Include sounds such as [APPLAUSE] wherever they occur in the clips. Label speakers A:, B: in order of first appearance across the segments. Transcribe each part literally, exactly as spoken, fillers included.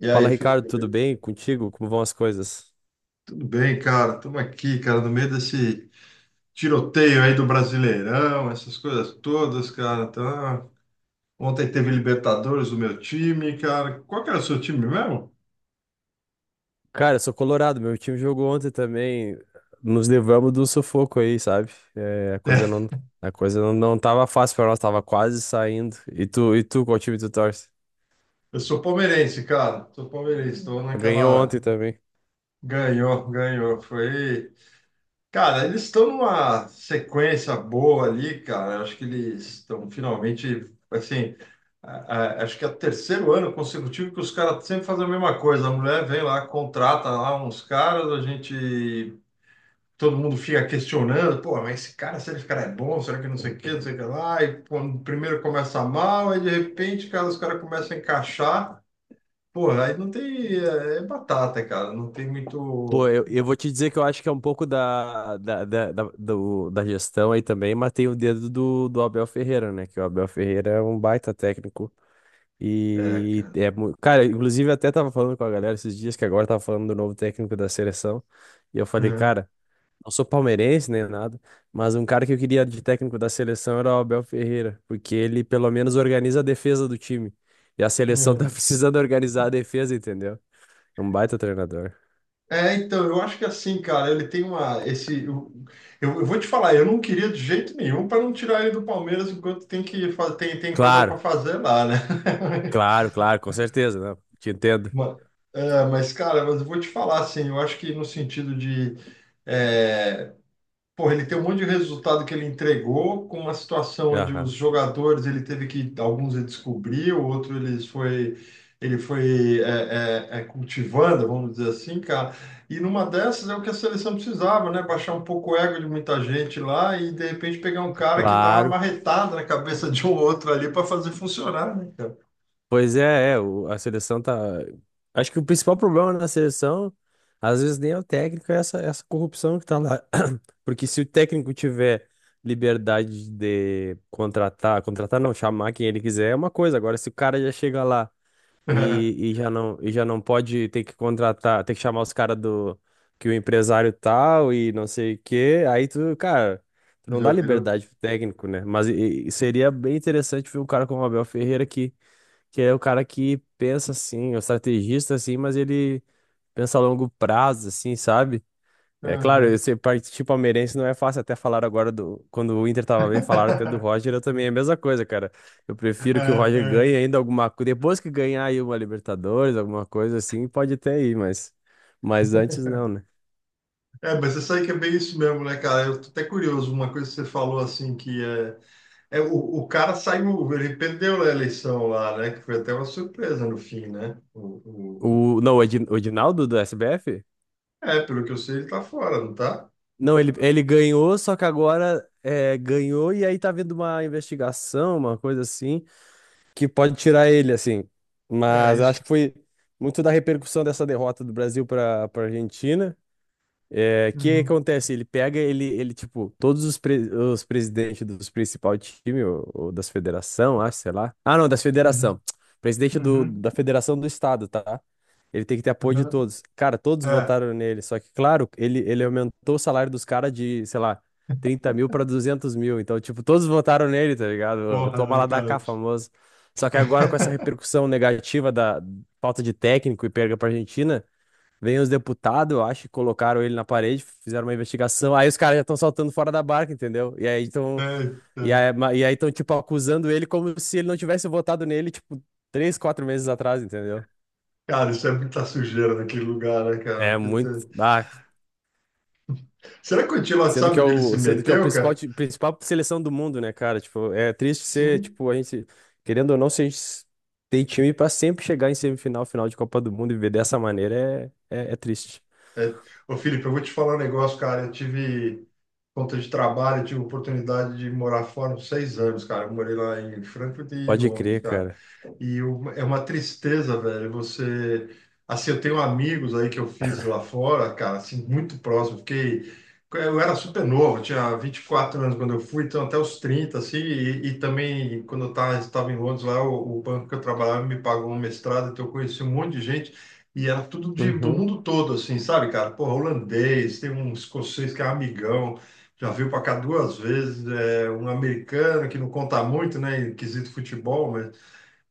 A: E
B: Fala,
A: aí,
B: Ricardo, tudo
A: Felipe?
B: bem contigo? Como vão as coisas?
A: Tudo bem, cara? Estamos aqui, cara, no meio desse tiroteio aí do Brasileirão, essas coisas todas, cara. Então, ontem teve Libertadores do meu time, cara. Qual que era o seu time mesmo?
B: Cara, eu sou colorado, meu time jogou ontem também. Nos levamos do sufoco aí, sabe? É, a coisa
A: É,
B: não, a coisa não, não tava fácil pra nós, tava quase saindo. E tu, e tu, qual time tu torce?
A: eu sou palmeirense, cara. Sou palmeirense. Estou
B: Ganhou
A: naquela.
B: ontem também.
A: Ganhou, ganhou. Foi. Cara, eles estão numa sequência boa ali, cara. Acho que eles estão finalmente, assim, a- a- acho que é o terceiro ano consecutivo que os caras sempre fazem a mesma coisa. A mulher vem lá, contrata lá uns caras, a gente, todo mundo fica questionando, pô, mas esse cara, será que esse cara é bom? Será que não sei o quê, não sei o que lá? E pô, primeiro começa mal, aí de repente, cara, os caras começam a encaixar. Porra, aí não tem, é, é batata, cara, não tem
B: Pô,
A: muito,
B: eu, eu vou te dizer que eu acho que é um pouco da, da, da, da, do- da gestão aí também, mas tem o dedo do, do Abel Ferreira, né? Que o Abel Ferreira é um baita técnico.
A: é,
B: E
A: cara.
B: é, mu- cara, inclusive eu até tava falando com a galera esses dias que agora tava falando do novo técnico da seleção. E eu falei,
A: É,
B: cara, não sou palmeirense nem nada, mas um cara que eu queria de técnico da seleção era o Abel Ferreira, porque ele pelo menos organiza a defesa do time. E a seleção [LAUGHS] tá
A: é.
B: precisando organizar a defesa, entendeu? É um baita treinador.
A: É, então, eu acho que é assim, cara, ele tem uma, esse, eu, eu, eu vou te falar, eu não queria de jeito nenhum para não tirar ele do Palmeiras enquanto tem que fa- tem, tem coisa para
B: Claro,
A: fazer lá, né?
B: claro, claro, com certeza, né? Te
A: [LAUGHS]
B: entendo.
A: Ma- é, mas, cara, mas eu vou te falar assim, eu acho que no sentido de é, Porra, ele tem um monte de resultado que ele entregou, com uma situação onde os
B: Aham.
A: jogadores ele teve que, alguns ele descobriu, outro ele foi, ele foi é, é, é, cultivando, vamos dizer assim, cara. E numa dessas é o que a seleção precisava, né? Baixar um pouco o ego de muita gente lá e de repente pegar um cara que dá uma
B: Claro.
A: marretada na cabeça de um outro ali para fazer funcionar, né, cara?
B: Pois é, é, o- a seleção tá. Acho que o principal problema da seleção, às vezes nem é o técnico, é essa, essa corrupção que tá lá. [CLEARS THROAT] Porque se o técnico tiver liberdade de contratar, contratar não, chamar quem ele quiser é uma coisa. Agora, se o cara já chega lá e,
A: [LAUGHS]
B: e já não, e já não pode ter que contratar, ter que chamar os caras do que o empresário tal e não sei o quê, aí tu, cara. tu Não
A: Já
B: dá
A: virou.
B: liberdade pro técnico, né? Mas e- e seria bem interessante ver um cara como o Abel Ferreira que que é o cara que pensa assim, é o estrategista assim, mas ele pensa a longo prazo, assim, sabe? É claro,
A: Aham.
B: esse partir palmeirense não é fácil, até falar agora do. Quando o Inter tava bem, falaram até do
A: [LAUGHS]
B: Roger, eu também é a mesma coisa, cara. Eu
A: É,
B: prefiro que o Roger
A: é.
B: ganhe ainda alguma coisa. Depois que ganhar aí uma Libertadores, alguma coisa assim, pode até ir, mas. Mas antes não, né?
A: É, mas você sabe que é bem isso mesmo, né, cara? Eu tô até curioso, uma coisa que você falou assim que é É, o, o cara saiu, ele perdeu a eleição lá, né? Que foi até uma surpresa no fim, né? O, o-
B: O, não, o Edi- o Edinaldo do S B F?
A: É, pelo que eu sei, ele tá fora, não tá?
B: Não, ele, ele ganhou, só que agora é, ganhou e aí tá vendo uma investigação, uma coisa assim. que pode tirar ele, assim.
A: É
B: Mas eu acho
A: isso.
B: que foi muito da repercussão dessa derrota do Brasil para para Argentina. É, o que
A: Uhum,
B: acontece? Ele pega, ele, ele tipo, todos os, pre- os presidentes dos principais times, ou, ou das federação, acho, sei lá. Ah, não, das
A: uhum,
B: federação. [TSK] Presidente do,
A: uhum,
B: da federação do estado, tá? Ele tem que ter apoio de
A: uhum.
B: todos. Cara, todos
A: É,
B: votaram nele, só que, claro, ele, ele aumentou o salário dos caras de, sei lá, trinta mil pra duzentos mil. Então, tipo, todos votaram nele, tá ligado?
A: porra,
B: Toma
A: né,
B: lá da
A: cara?
B: cá, famoso. Só que agora, com essa
A: [LAUGHS]
B: repercussão negativa da falta de técnico e perda pra Argentina. Vem os deputados, eu acho, colocaram ele na parede, fizeram uma investigação. Aí os caras já estão saltando fora da barca, entendeu? E aí estão,
A: Eita.
B: e aí, ma- e aí estão, tipo, acusando ele como se ele não tivesse votado nele, tipo, três, quatro meses atrás, entendeu?
A: Cara, isso é muita sujeira naquele lugar, né, cara?
B: É
A: Tu-
B: muito.
A: tu-
B: Ah,
A: Será que o Antilote
B: sendo que
A: sabe
B: é
A: onde ele se
B: o, sendo que é o
A: meteu,
B: principal,
A: cara?
B: ti- principal seleção do mundo, né, cara? Tipo, é triste ser,
A: Sim.
B: tipo, a gente, querendo ou não, se a gente s- tem time pra sempre chegar em semifinal, final de Copa do Mundo e ver dessa maneira, é, é, é triste.
A: É. Ô, Felipe, eu vou te falar um negócio, cara. Eu tive. Conta de trabalho, eu tive oportunidade de morar fora uns seis anos, cara. Eu morei lá em Frankfurt e em
B: Pode
A: Londres,
B: crer,
A: cara.
B: cara.
A: E uma- é uma tristeza, velho. Você. Assim, eu tenho amigos aí que eu fiz lá fora, cara, assim, muito próximo. Fiquei. Eu era super novo, eu tinha vinte e quatro anos quando eu fui, então até os trinta assim. E, e também, quando eu tava- estava em Londres lá, o, o banco que eu trabalhava me pagou um mestrado, então eu conheci um monte de gente. E era tudo de, do
B: Uhum.
A: mundo todo, assim, sabe, cara? Porra, holandês, tem um escocês que é amigão, já veio para cá duas vezes, é, um americano que não conta muito, né, em quesito futebol,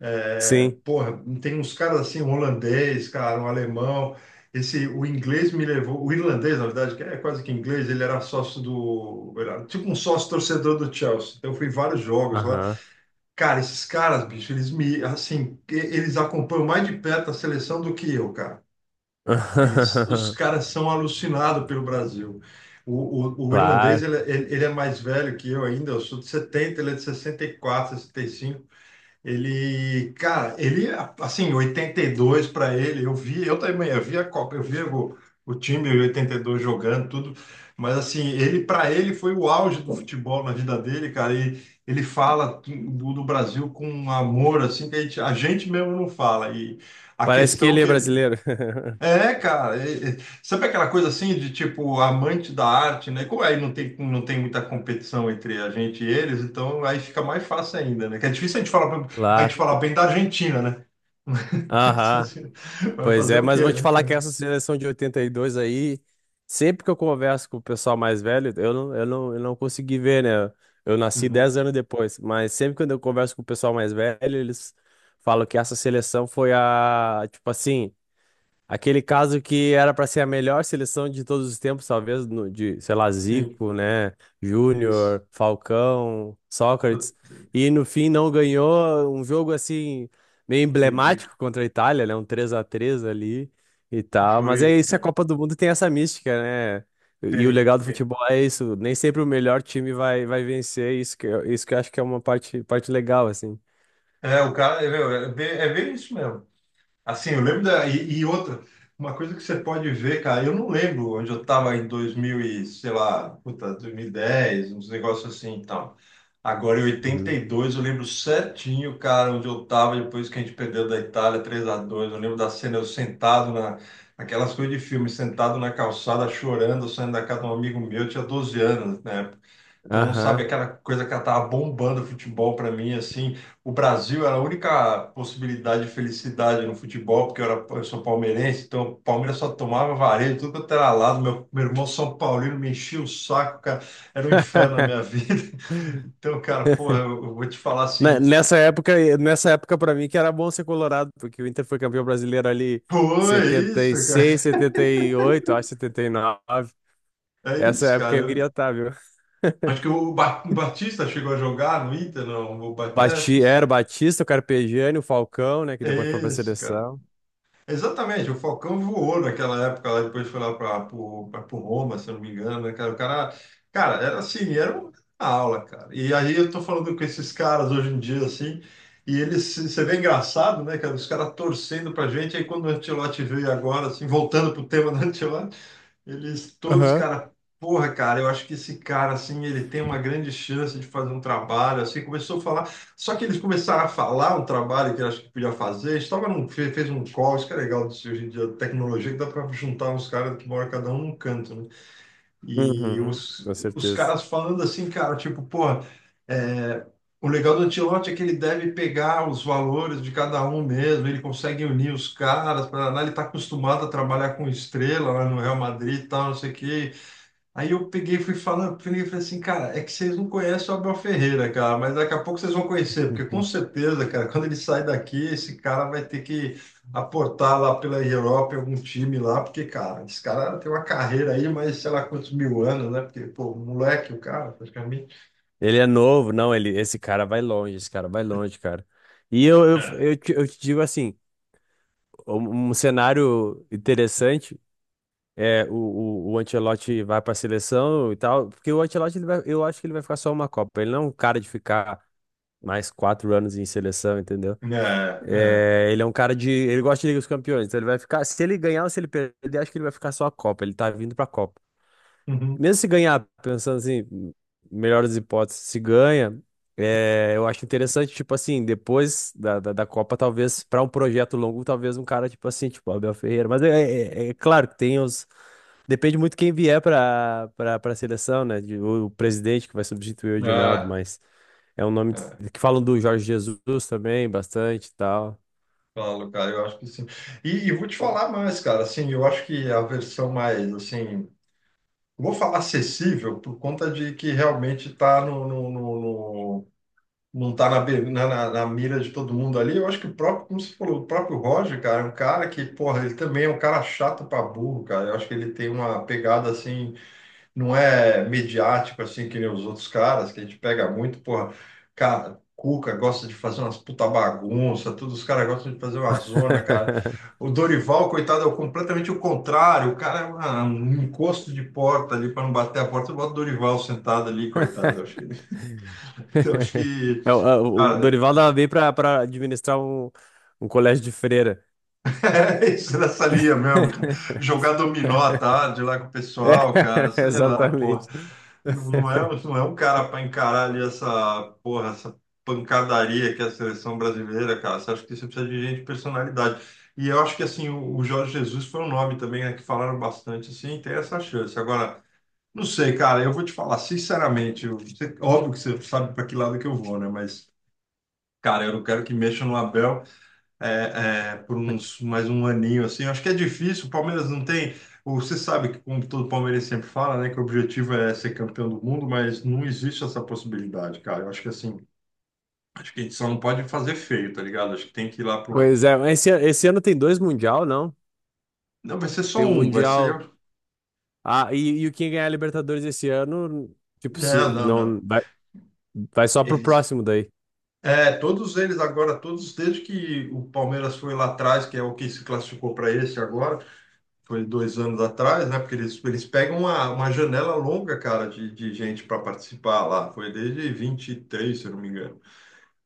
A: é,
B: Sim.
A: porra, tem uns caras assim, um holandês, cara, um alemão. Esse, o inglês me levou, o irlandês, na verdade, que é quase que inglês, ele era sócio do, era tipo um sócio torcedor do Chelsea. Então eu fui em vários jogos lá.
B: Aham.
A: Cara, esses caras, bicho, eles me, assim, e- eles acompanham mais de perto a seleção do que eu, cara. Eles, os
B: [LAUGHS]
A: caras são alucinados pelo Brasil. O, o, o irlandês,
B: Claro.
A: ele, é, ele ele é mais velho que eu ainda, eu sou de setenta, ele é de sessenta sessenta e quatro sessenta e cinco, ele, cara, ele, assim, oitenta e dois para ele, eu vi, eu também, eu vi a Copa, eu vi o, o time em oitenta e dois jogando, tudo, mas assim, ele, para ele, foi o auge do futebol na vida dele, cara, e ele fala do, do Brasil com um amor, assim, que a gente, a gente mesmo não fala, e a
B: Parece que
A: questão
B: ele é
A: que ele,
B: brasileiro. [LAUGHS]
A: é, cara, é- é- sabe aquela coisa assim de tipo amante da arte, né? Como aí não tem, não tem muita competição entre a gente e eles, então aí fica mais fácil ainda, né? Que é difícil a gente falar, pra- a gente
B: Claro.
A: falar bem da Argentina, né? [LAUGHS] Mas
B: Aham,
A: assim, vai
B: pois
A: fazer
B: é,
A: o
B: mas
A: quê,
B: vou te
A: né,
B: falar que
A: cara?
B: essa seleção de oitenta e dois aí, sempre que eu converso com o pessoal mais velho, eu não, eu não, eu não consegui ver, né? Eu nasci
A: Uhum,
B: dez anos depois, mas sempre quando eu converso com o pessoal mais velho, eles falam que essa seleção foi a, tipo assim, Aquele caso que era para ser a melhor seleção de todos os tempos, talvez, no- de, sei lá,
A: sim,
B: Zico, né?
A: isso.
B: Júnior, Falcão, Sócrates. E no fim não ganhou um jogo assim, meio
A: Entendi.
B: emblemático contra a Itália, né? Um três a três ali e tal. Mas é
A: Foi.
B: isso, a Copa do Mundo tem essa mística, né? E o
A: Tem.
B: legal do
A: É,
B: futebol é isso, nem sempre o melhor time vai, vai vencer. Isso que, eu- isso que eu acho que é uma parte, parte legal, assim.
A: é, o cara, é, meu, é bem, é bem isso mesmo. Assim, eu lembro da. E, e outra, uma coisa que você pode ver, cara, eu não lembro onde eu estava em dois mil e, sei lá, puta, dois mil e dez, uns negócios assim e tal. Agora, em oitenta
B: Uhum.
A: e dois eu lembro certinho, cara, onde eu estava depois que a gente perdeu da Itália três a dois. Eu lembro da cena, eu sentado na. Aquelas coisas de filme, sentado na calçada, chorando, saindo da casa de um amigo meu, eu tinha doze anos, né? Então, sabe,
B: Aham.
A: aquela coisa que ela tava bombando o futebol para mim, assim, o Brasil era a única possibilidade de felicidade no futebol, porque eu, era, eu sou palmeirense, então o Palmeiras só tomava vareio, tudo quanto era lado, meu, meu irmão São Paulino me enchia o saco, cara, era um inferno na minha vida.
B: [LAUGHS]
A: [LAUGHS] Então, cara, porra, eu, eu vou te falar
B: Na-
A: assim,
B: Nessa época, eh, nessa época para mim que era bom ser colorado, porque o Inter foi campeão brasileiro ali
A: pô, é isso, cara,
B: setenta e seis, setenta e oito, acho setenta e nove.
A: é
B: Essa
A: isso,
B: época
A: cara.
B: eu queria
A: Eu-
B: estar, viu?
A: acho que o Ba- o Batista chegou a jogar no Inter, não, o Batista, acho que
B: Bati, era o
A: sim,
B: Batista, o Carpegiani, o Falcão, né, que depois
A: é
B: foi pra
A: isso, cara.
B: seleção.
A: Exatamente, o Falcão voou naquela época lá, depois foi lá para o Roma, se eu não me engano, né, cara? O cara, cara, era assim, era uma aula, cara. E aí eu tô falando com esses caras hoje em dia, assim, e eles, você vê engraçado, né, cara? Os caras torcendo pra gente, aí quando o Ancelotti veio agora, assim, voltando pro tema do Ancelotti, eles todos,
B: Aham.
A: cara, porra, cara, eu acho que esse cara, assim, ele tem uma grande chance de fazer um trabalho, assim, começou a falar, só que eles começaram a falar um trabalho que eu acho que podia fazer, estava num, fe- fez um call, isso que é legal disso hoje em dia, tecnologia, que dá para juntar uns caras que moram cada um num canto, né? E
B: Uhum,
A: os,
B: com
A: os
B: certeza.
A: caras falando assim, cara, tipo, pô é, O legal do Ancelotti é que ele deve pegar os valores de cada um mesmo, ele consegue unir os caras, pra, lá ele está acostumado a trabalhar com estrela lá no Real Madrid e tal, não sei o quê. Aí eu peguei e fui falando, peguei e falei assim, cara, é que vocês não conhecem o Abel Ferreira, cara, mas daqui a pouco vocês vão conhecer, porque com
B: Uhum.
A: certeza, cara, quando ele sai daqui, esse cara vai ter que aportar lá pela Europa em algum time lá, porque, cara, esse cara tem uma carreira aí, mas sei lá quantos mil anos, né? Porque, pô, moleque o cara, praticamente.
B: Ele é novo, não, ele, esse cara vai longe, esse cara vai longe, cara. E eu, eu, eu, te, eu te digo assim, um, um cenário interessante. É, o, o, o Ancelotti vai para a seleção e tal, porque o Ancelotti, ele vai, eu acho que ele vai ficar só uma Copa. Ele não é um cara de ficar mais quatro anos em seleção, entendeu?
A: É, é.
B: É, ele é um cara de. Ele gosta de Liga dos Campeões, então ele vai ficar. Se ele ganhar ou se ele perder, acho que ele vai ficar só a Copa. Ele tá vindo pra Copa.
A: Uhum.
B: Mesmo se ganhar, pensando assim, melhor das hipóteses, se ganha, é, eu acho interessante, tipo assim, depois da, da, da Copa, talvez, para um projeto longo, talvez um cara, tipo assim, tipo Abel Ferreira. Mas é, é é claro que tem os. Depende muito quem vier para para para a seleção, né? De- O, o presidente que vai substituir o Edinaldo,
A: É,
B: mas é um nome
A: é,
B: t- que falam do Jorge Jesus também, bastante e tal.
A: claro, cara, eu acho que sim. E, e vou te falar mais, cara, assim, eu acho que a versão mais, assim, vou falar acessível por conta de que realmente tá no, no, no- no- não tá na, be- na, na- na mira de todo mundo ali. Eu acho que o próprio, como você falou, o próprio Roger, cara, é um cara que, porra, ele também é um cara chato pra burro, cara. Eu acho que ele tem uma pegada, assim, não é mediático assim que nem os outros caras, que a gente pega muito, porra, cara, Cuca gosta de fazer umas puta bagunça, todos os caras gostam de fazer uma zona, cara.
B: [LAUGHS]
A: O Dorival, coitado, é o- completamente o contrário, o cara é uma- um encosto de porta ali para não bater a porta, bota o Dorival sentado ali, coitado. Eu acho que, [LAUGHS] eu acho que,
B: É, O, é, o
A: cara,
B: Dorival dava bem para para administrar um, um colégio de freira.
A: É [LAUGHS] isso nessa linha mesmo, cara.
B: [LAUGHS]
A: Jogar dominó à tarde lá com o
B: É,
A: pessoal, cara,
B: [LAUGHS]
A: sei lá, porra.
B: exatamente.
A: Não, não é, não é um cara para encarar ali essa, porra, essa pancadaria que é a seleção brasileira, cara. Você acha que você precisa de gente de personalidade. E eu acho que, assim, o, o Jorge Jesus foi um nome também, né, que falaram bastante, assim, tem essa chance. Agora, não sei, cara, eu vou te falar, sinceramente, eu- você- óbvio que você sabe para que lado que eu vou, né? Mas, cara, eu não quero que mexa no Abel é, é, por uns mais um aninho assim. Eu acho que é difícil. O Palmeiras não tem. o- Você sabe que, como todo palmeirense sempre fala, né, que o objetivo é ser campeão do mundo, mas não existe essa possibilidade, cara. Eu acho que assim, acho que a gente só não pode fazer feio, tá ligado? Acho que tem que ir lá pro.
B: Pois é, mas esse, ano- esse ano tem dois Mundial, não?
A: Não, vai ser só
B: Tem o
A: um, vai
B: Mundial.
A: ser.
B: Ah, e, e o quem ganhar a Libertadores esse ano, tipo,
A: Não,
B: se
A: não,
B: não
A: não.
B: vai, vai só pro
A: Eles.
B: próximo daí.
A: É, todos eles agora, todos desde que o Palmeiras foi lá atrás, que é o que se classificou para esse agora, foi dois anos atrás, né? Porque eles, eles pegam uma, uma janela longa, cara, de, de gente para participar lá. Foi desde vinte e três, se eu não me engano.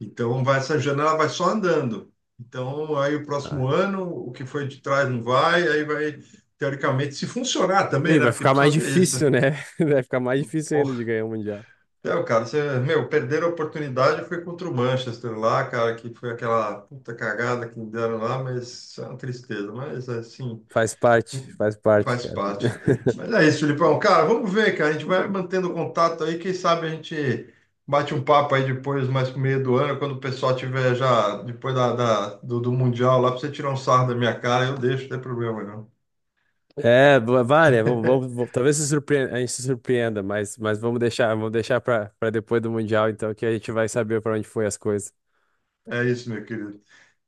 A: Então, vai, essa janela vai só andando. Então, aí o próximo
B: Ah.
A: ano, o que foi de trás não vai, aí vai, teoricamente, se funcionar também,
B: E
A: né?
B: vai
A: Porque
B: ficar
A: precisa
B: mais
A: ver isso.
B: difícil, né? [LAUGHS] Vai ficar mais difícil ainda de
A: Porra,
B: ganhar o Mundial.
A: é, cara, você, meu, perderam a oportunidade foi contra o Manchester lá, cara, que foi aquela puta cagada que me deram lá, mas é uma tristeza. Mas, assim,
B: Faz parte, faz parte,
A: faz
B: cara.
A: parte.
B: [LAUGHS]
A: Mas é isso, Filipão. Cara, vamos ver, cara. A gente vai mantendo contato aí. Quem sabe a gente bate um papo aí depois, mais pro meio do ano, quando o pessoal tiver já, depois da, da- do, do Mundial lá, pra você tirar um sarro da minha cara, eu deixo, não tem problema não.
B: É, va- várias. Vamos, vamos- vamos- talvez se surpreenda, a gente se surpreenda, mas, mas vamos deixar, vamos deixar para depois do Mundial, então, que a gente vai saber para onde foi as coisas.
A: É isso, meu querido.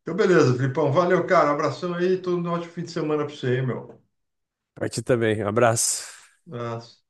A: Então, beleza, Filipão. Valeu, cara. Abração aí. Todo um ótimo fim de semana pra você aí, meu.
B: Pra ti também. Um abraço.
A: Abraço.